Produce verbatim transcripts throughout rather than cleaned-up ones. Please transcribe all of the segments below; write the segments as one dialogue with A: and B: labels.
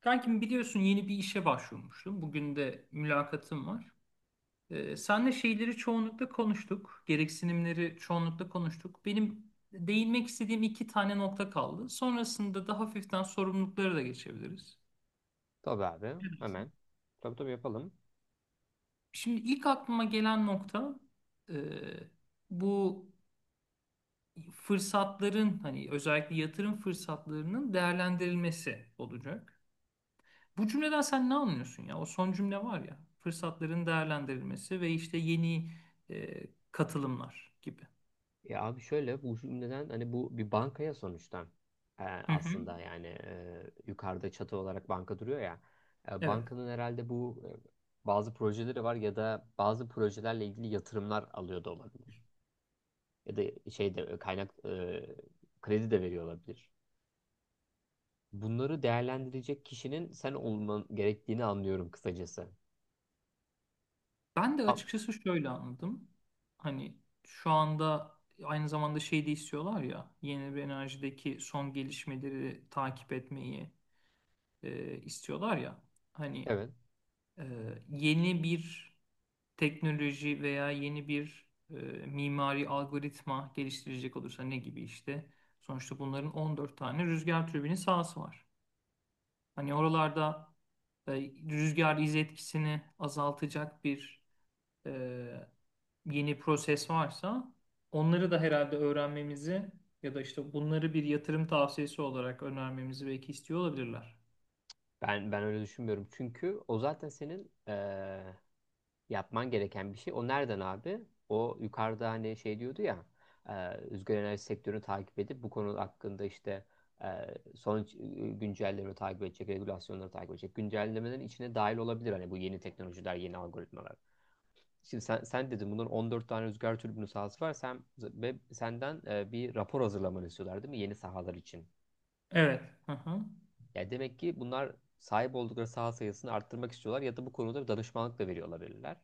A: Kankim biliyorsun yeni bir işe başvurmuştum. Bugün de mülakatım var. Ee, senle şeyleri çoğunlukla konuştuk. Gereksinimleri çoğunlukla konuştuk. Benim değinmek istediğim iki tane nokta kaldı. Sonrasında da hafiften sorumluluklara da geçebiliriz.
B: Tabii abi
A: Ne?
B: hemen. Tabii tabii yapalım.
A: Şimdi ilk aklıma gelen nokta e, bu fırsatların hani özellikle yatırım fırsatlarının değerlendirilmesi olacak. Bu cümleden sen ne anlıyorsun ya? O son cümle var ya. Fırsatların değerlendirilmesi ve işte yeni e, katılımlar gibi.
B: Ya abi şöyle bu neden hani bu bir bankaya sonuçta Ee,
A: Hı hı.
B: aslında yani e, yukarıda çatı olarak banka duruyor ya. E,
A: Evet.
B: bankanın herhalde bu e, bazı projeleri var ya da bazı projelerle ilgili yatırımlar alıyor da olabilir. Ya da şey de e, kaynak e, kredi de veriyor olabilir. Bunları değerlendirecek kişinin sen olman gerektiğini anlıyorum kısacası.
A: Ben de
B: A-
A: açıkçası şöyle anladım. Hani şu anda aynı zamanda şey de istiyorlar ya. Yenilenebilir enerjideki son gelişmeleri takip etmeyi e, istiyorlar ya. Hani
B: Evet.
A: e, yeni bir teknoloji veya yeni bir e, mimari algoritma geliştirecek olursa ne gibi işte. Sonuçta bunların on dört tane rüzgar türbini sahası var. Hani oralarda e, rüzgar iz etkisini azaltacak bir e, yeni proses varsa onları da herhalde öğrenmemizi ya da işte bunları bir yatırım tavsiyesi olarak önermemizi belki istiyor olabilirler.
B: Ben ben öyle düşünmüyorum. Çünkü o zaten senin eee, yapman gereken bir şey. O nereden abi? O yukarıda hani şey diyordu ya, e, rüzgar enerji sektörünü takip edip bu konu hakkında işte e, son e, güncellemeleri takip edecek, regülasyonları takip edecek. Güncellemelerin içine dahil olabilir hani bu yeni teknolojiler, yeni algoritmalar. Şimdi sen, sen dedin bunun on dört tane rüzgar türbini sahası var. Sen ve senden e, bir rapor hazırlamanı istiyorlar değil mi? Yeni sahalar için.
A: Evet. Hı hı.
B: Yani demek ki bunlar sahip oldukları saha sayısını arttırmak istiyorlar ya da bu konuda bir danışmanlık da veriyor olabilirler.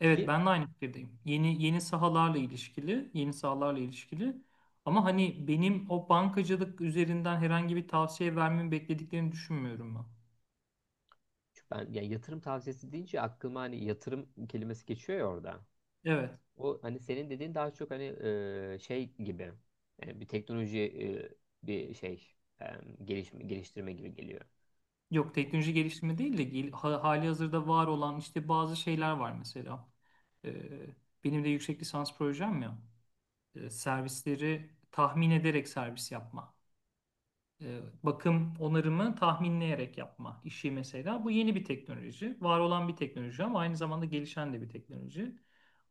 A: Evet,
B: Ki
A: ben de aynı fikirdeyim. Yeni yeni sahalarla ilişkili, yeni sahalarla ilişkili. Ama hani benim o bankacılık üzerinden herhangi bir tavsiye vermemi beklediklerini düşünmüyorum ben.
B: Çünkü ben yani yatırım tavsiyesi deyince aklıma hani yatırım kelimesi geçiyor ya orada.
A: Evet.
B: O hani senin dediğin daha çok hani e, şey gibi yani bir teknoloji e, bir şey e, gelişme, geliştirme gibi geliyor.
A: Yok, teknoloji geliştirme değil de gel- ha- hali hazırda var olan işte bazı şeyler var mesela. Ee, Benim de yüksek lisans projem ya. Ee, servisleri tahmin ederek servis yapma. E, bakım onarımı tahminleyerek yapma işi mesela. Bu yeni bir teknoloji. Var olan bir teknoloji ama aynı zamanda gelişen de bir teknoloji.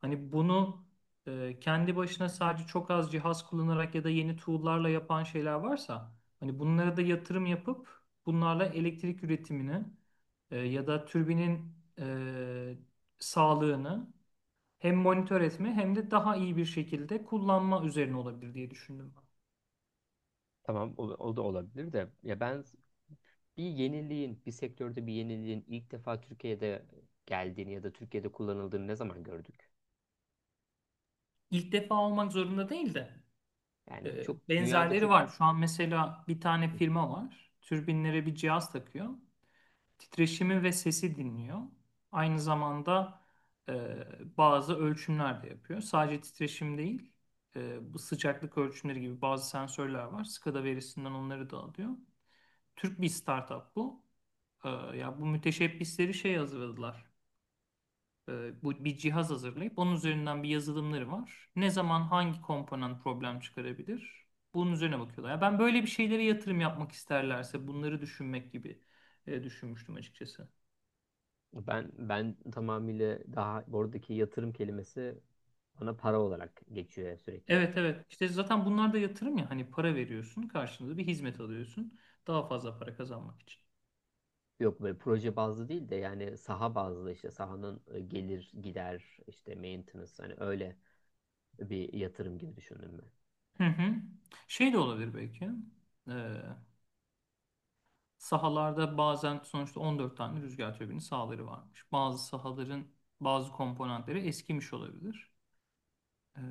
A: Hani bunu e, kendi başına sadece çok az cihaz kullanarak ya da yeni tool'larla yapan şeyler varsa hani bunlara da yatırım yapıp bunlarla elektrik üretimini e, ya da türbinin e, sağlığını hem monitör etme hem de daha iyi bir şekilde kullanma üzerine olabilir diye düşündüm ben.
B: Tamam o, o da olabilir de ya ben bir yeniliğin, bir sektörde bir yeniliğin ilk defa Türkiye'de geldiğini ya da Türkiye'de kullanıldığını ne zaman gördük?
A: İlk defa olmak zorunda değil de
B: Yani
A: E,
B: çok dünyada
A: benzerleri
B: çok
A: var. Şu an mesela bir tane firma var. Türbinlere bir cihaz takıyor. Titreşimi ve sesi dinliyor. Aynı zamanda e, bazı ölçümler de yapıyor. Sadece titreşim değil, e, bu sıcaklık ölçümleri gibi bazı sensörler var. SCADA verisinden onları da alıyor. Türk bir startup bu. E, ya bu müteşebbisleri şey hazırladılar e, bu bir cihaz hazırlayıp onun üzerinden bir yazılımları var. Ne zaman hangi komponent problem çıkarabilir? Bunun üzerine bakıyorlar. Ya ben böyle bir şeylere yatırım yapmak isterlerse bunları düşünmek gibi e, düşünmüştüm açıkçası.
B: ben ben tamamıyla daha oradaki yatırım kelimesi bana para olarak geçiyor sürekli.
A: Evet, evet. İşte zaten bunlar da yatırım ya, hani para veriyorsun, karşılığında bir hizmet alıyorsun daha fazla para kazanmak için.
B: Yok böyle proje bazlı değil de yani saha bazlı işte sahanın e, gelir gider işte maintenance hani öyle bir yatırım gibi düşündüm
A: Hı hı. Şey de olabilir belki. Ee, Sahalarda bazen sonuçta on dört tane rüzgar türbini sahaları varmış. Bazı sahaların bazı komponentleri eskimiş olabilir. Ee,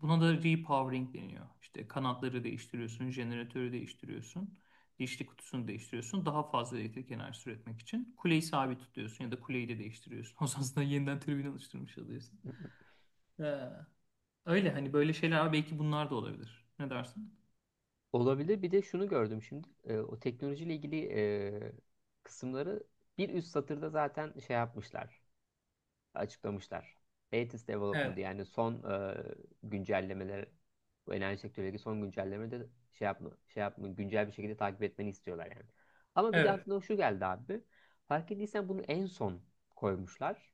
A: Buna da repowering deniyor. İşte kanatları değiştiriyorsun, jeneratörü değiştiriyorsun, dişli kutusunu değiştiriyorsun. Daha fazla elektrik enerjisi üretmek için kuleyi sabit tutuyorsun ya da kuleyi de değiştiriyorsun. O zaman aslında yeniden türbin alıştırmış oluyorsun.
B: ben.
A: Ee, Öyle hani böyle şeyler belki bunlar da olabilir. Ne dersin?
B: Olabilir. Bir de şunu gördüm şimdi. E, o teknolojiyle ilgili e, kısımları bir üst satırda zaten şey yapmışlar, açıklamışlar. Latest development
A: Evet,
B: yani son e, güncellemeler, bu enerji sektöründeki son güncellemeleri de şey yapma, şey yapma, güncel bir şekilde takip etmeni istiyorlar yani. Ama bir de
A: evet,
B: aklıma şu geldi abi. Fark ettiysen bunu en son koymuşlar.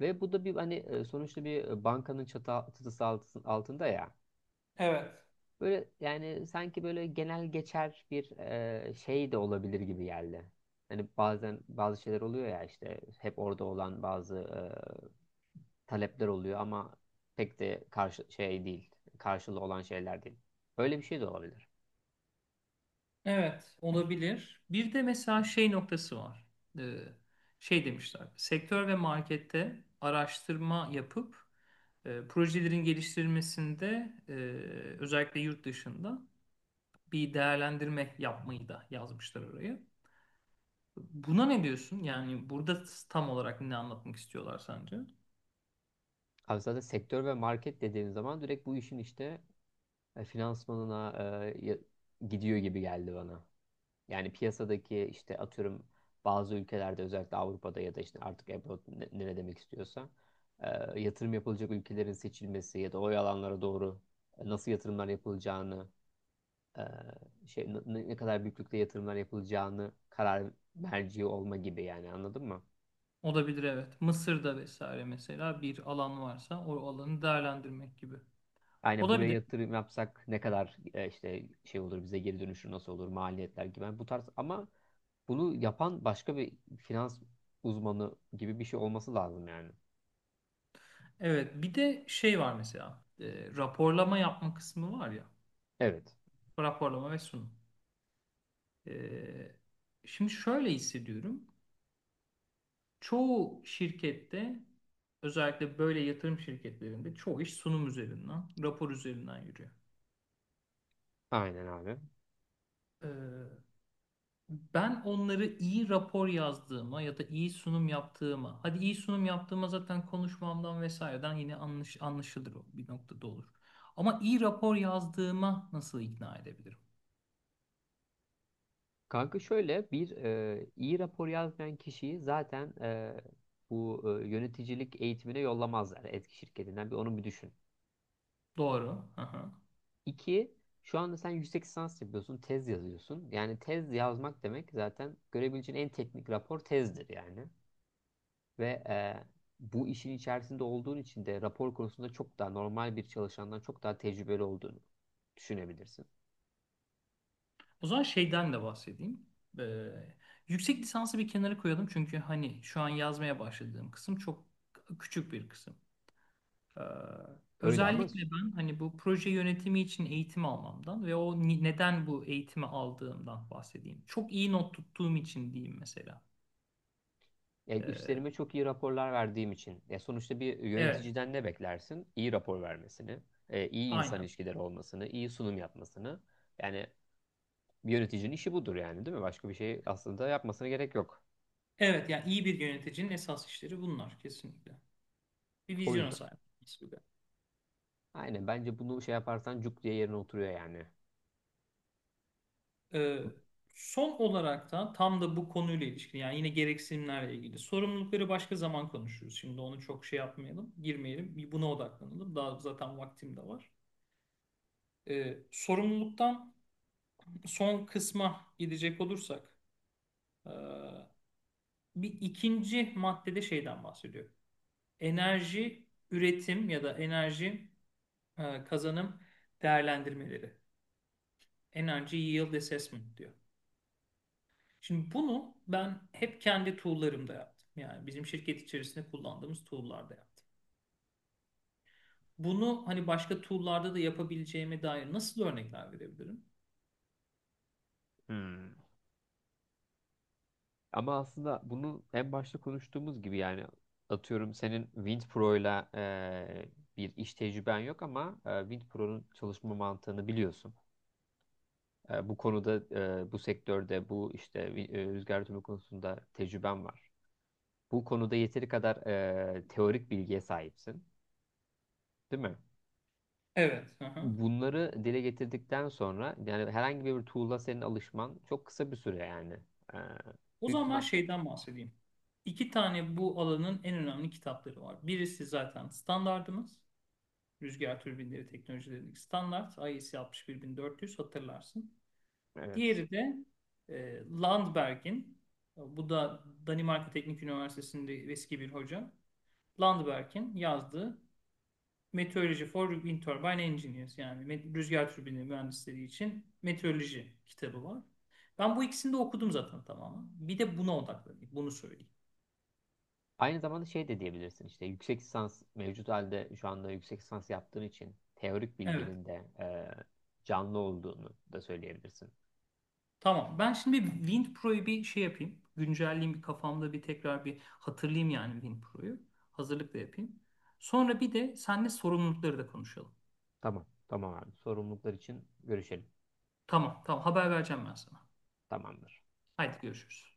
B: Ve bu da bir hani e, sonuçta bir bankanın çatı, çatısı altı- altında ya.
A: evet.
B: Böyle yani sanki böyle genel geçer bir e, şey de olabilir gibi geldi. Hani bazen bazı şeyler oluyor ya işte hep orada olan bazı e, talepler oluyor ama pek de karşı şey değil. Karşılığı olan şeyler değil. Öyle bir şey de olabilir.
A: Evet, olabilir. Bir de mesela şey noktası var. Ee, Şey demişler. Sektör ve markette araştırma yapıp e, projelerin geliştirilmesinde e, özellikle yurt dışında bir değerlendirme yapmayı da yazmışlar oraya. Buna ne diyorsun? Yani burada tam olarak ne anlatmak istiyorlar sence?
B: Abi zaten sektör ve market dediğin zaman direkt bu işin işte e, finansmanına e, ya- gidiyor gibi geldi bana. Yani piyasadaki işte atıyorum bazı ülkelerde özellikle Avrupa'da ya da işte artık abroad ne, ne demek istiyorsa e, yatırım yapılacak ülkelerin seçilmesi ya da o alanlara doğru e, nasıl yatırımlar yapılacağını e, şey ne, ne kadar büyüklükte yatırımlar yapılacağını karar merci olma gibi yani anladın mı?
A: Olabilir, evet. Mısır'da vesaire mesela bir alan varsa o alanı değerlendirmek gibi.
B: Aynen buraya
A: Olabilir.
B: yatırım yapsak ne kadar e, işte şey olur bize geri dönüşü nasıl olur maliyetler gibi. Yani bu tarz ama bunu yapan başka bir finans uzmanı gibi bir şey olması lazım yani.
A: Evet, bir de şey var mesela, e, raporlama yapma kısmı var ya,
B: Evet.
A: raporlama ve sunum. E, şimdi şöyle hissediyorum, çoğu şirkette özellikle böyle yatırım şirketlerinde çoğu iş sunum üzerinden rapor üzerinden yürüyor.
B: Aynen abi.
A: E, ben onları iyi rapor yazdığıma ya da iyi sunum yaptığıma, hadi iyi sunum yaptığıma zaten konuşmamdan vesaireden yine anlaş, anlaşılır o bir noktada olur. Ama iyi rapor yazdığıma nasıl ikna edebilirim?
B: Kanka şöyle bir e, iyi rapor yazmayan kişiyi zaten e, bu e, yöneticilik eğitimine yollamazlar etki şirketinden. Bir onu bir düşün.
A: Doğru. Hı hı.
B: İki, şu anda sen yüksek lisans yapıyorsun, tez yazıyorsun. Yani tez yazmak demek zaten görebileceğin en teknik rapor tezdir yani. Ve e, bu işin içerisinde olduğun için de rapor konusunda çok daha normal bir çalışandan çok daha tecrübeli olduğunu düşünebilirsin.
A: O zaman şeyden de bahsedeyim. Ee, Yüksek lisansı bir kenara koyalım çünkü hani şu an yazmaya başladığım kısım çok küçük bir kısım. Ee,
B: Öyle ama
A: Özellikle ben hani bu proje yönetimi için eğitim almamdan ve o ni- neden bu eğitimi aldığımdan bahsedeyim. Çok iyi not tuttuğum için diyeyim mesela.
B: yani
A: Ee,
B: üstlerime çok iyi raporlar verdiğim için. Ya sonuçta bir
A: evet,
B: yöneticiden ne beklersin? İyi rapor vermesini, e, iyi insan
A: aynen.
B: ilişkileri olmasını, iyi sunum yapmasını. Yani bir yöneticinin işi budur yani değil mi? Başka bir şey aslında yapmasına gerek yok.
A: Evet, yani iyi bir yöneticinin esas işleri bunlar kesinlikle. Bir
B: O
A: vizyona
B: yüzden.
A: sahip olması.
B: Aynen bence bunu şey yaparsan cuk diye yerine oturuyor yani.
A: Ee, son olarak da tam da bu konuyla ilişkin yani yine gereksinimlerle ilgili sorumlulukları başka zaman konuşuruz. Şimdi onu çok şey yapmayalım, girmeyelim. Bir buna odaklanalım. Daha zaten vaktim de var. Ee, sorumluluktan son kısma gidecek olursak ee, bir ikinci maddede şeyden bahsediyor. Enerji üretim ya da enerji e, kazanım değerlendirmeleri. Energy Yield Assessment diyor. Şimdi bunu ben hep kendi tool'larımda yaptım. Yani bizim şirket içerisinde kullandığımız tool'larda yaptım. Bunu hani başka tool'larda da yapabileceğime dair nasıl örnekler verebilirim?
B: Hmm. Ama aslında bunu en başta konuştuğumuz gibi yani atıyorum senin WindPro'yla e, bir iş tecrüben yok ama e, WindPro'nun çalışma mantığını biliyorsun. E, bu konuda, e, bu sektörde, bu işte e, rüzgar türbini konusunda tecrüben var. Bu konuda yeteri kadar e, teorik bilgiye sahipsin, değil mi?
A: Evet. Hı hı.
B: Bunları dile getirdikten sonra yani herhangi bir tool'a senin alışman çok kısa bir süre yani. E,
A: O
B: büyük
A: zaman ben
B: ihtimal
A: şeyden bahsedeyim. İki tane bu alanın en önemli kitapları var. Birisi zaten standardımız. Rüzgar türbinleri teknolojilerindeki standart. I E C altmış bir dört yüz hatırlarsın.
B: evet.
A: Diğeri de e, Landberg'in. Bu da Danimarka Teknik Üniversitesi'nde eski bir hoca. Landberg'in yazdığı Meteorology for Wind Turbine Engineers, yani rüzgar türbini mühendisleri için meteoroloji kitabı var. Ben bu ikisini de okudum zaten tamamen. Bir de buna odaklanayım. Bunu söyleyeyim.
B: Aynı zamanda şey de diyebilirsin işte yüksek lisans mevcut halde şu anda yüksek lisans yaptığın için teorik
A: Evet.
B: bilginin de e, canlı olduğunu da söyleyebilirsin.
A: Tamam. Ben şimdi bir Wind Pro'yu bir şey yapayım. Güncelleyeyim bir kafamda bir tekrar bir hatırlayayım yani Wind Pro'yu. Hazırlık da yapayım. Sonra bir de seninle sorumlulukları da konuşalım.
B: Tamam, tamam abi. Sorumluluklar için görüşelim.
A: Tamam. Tamam. Haber vereceğim ben sana.
B: Tamamdır.
A: Haydi görüşürüz.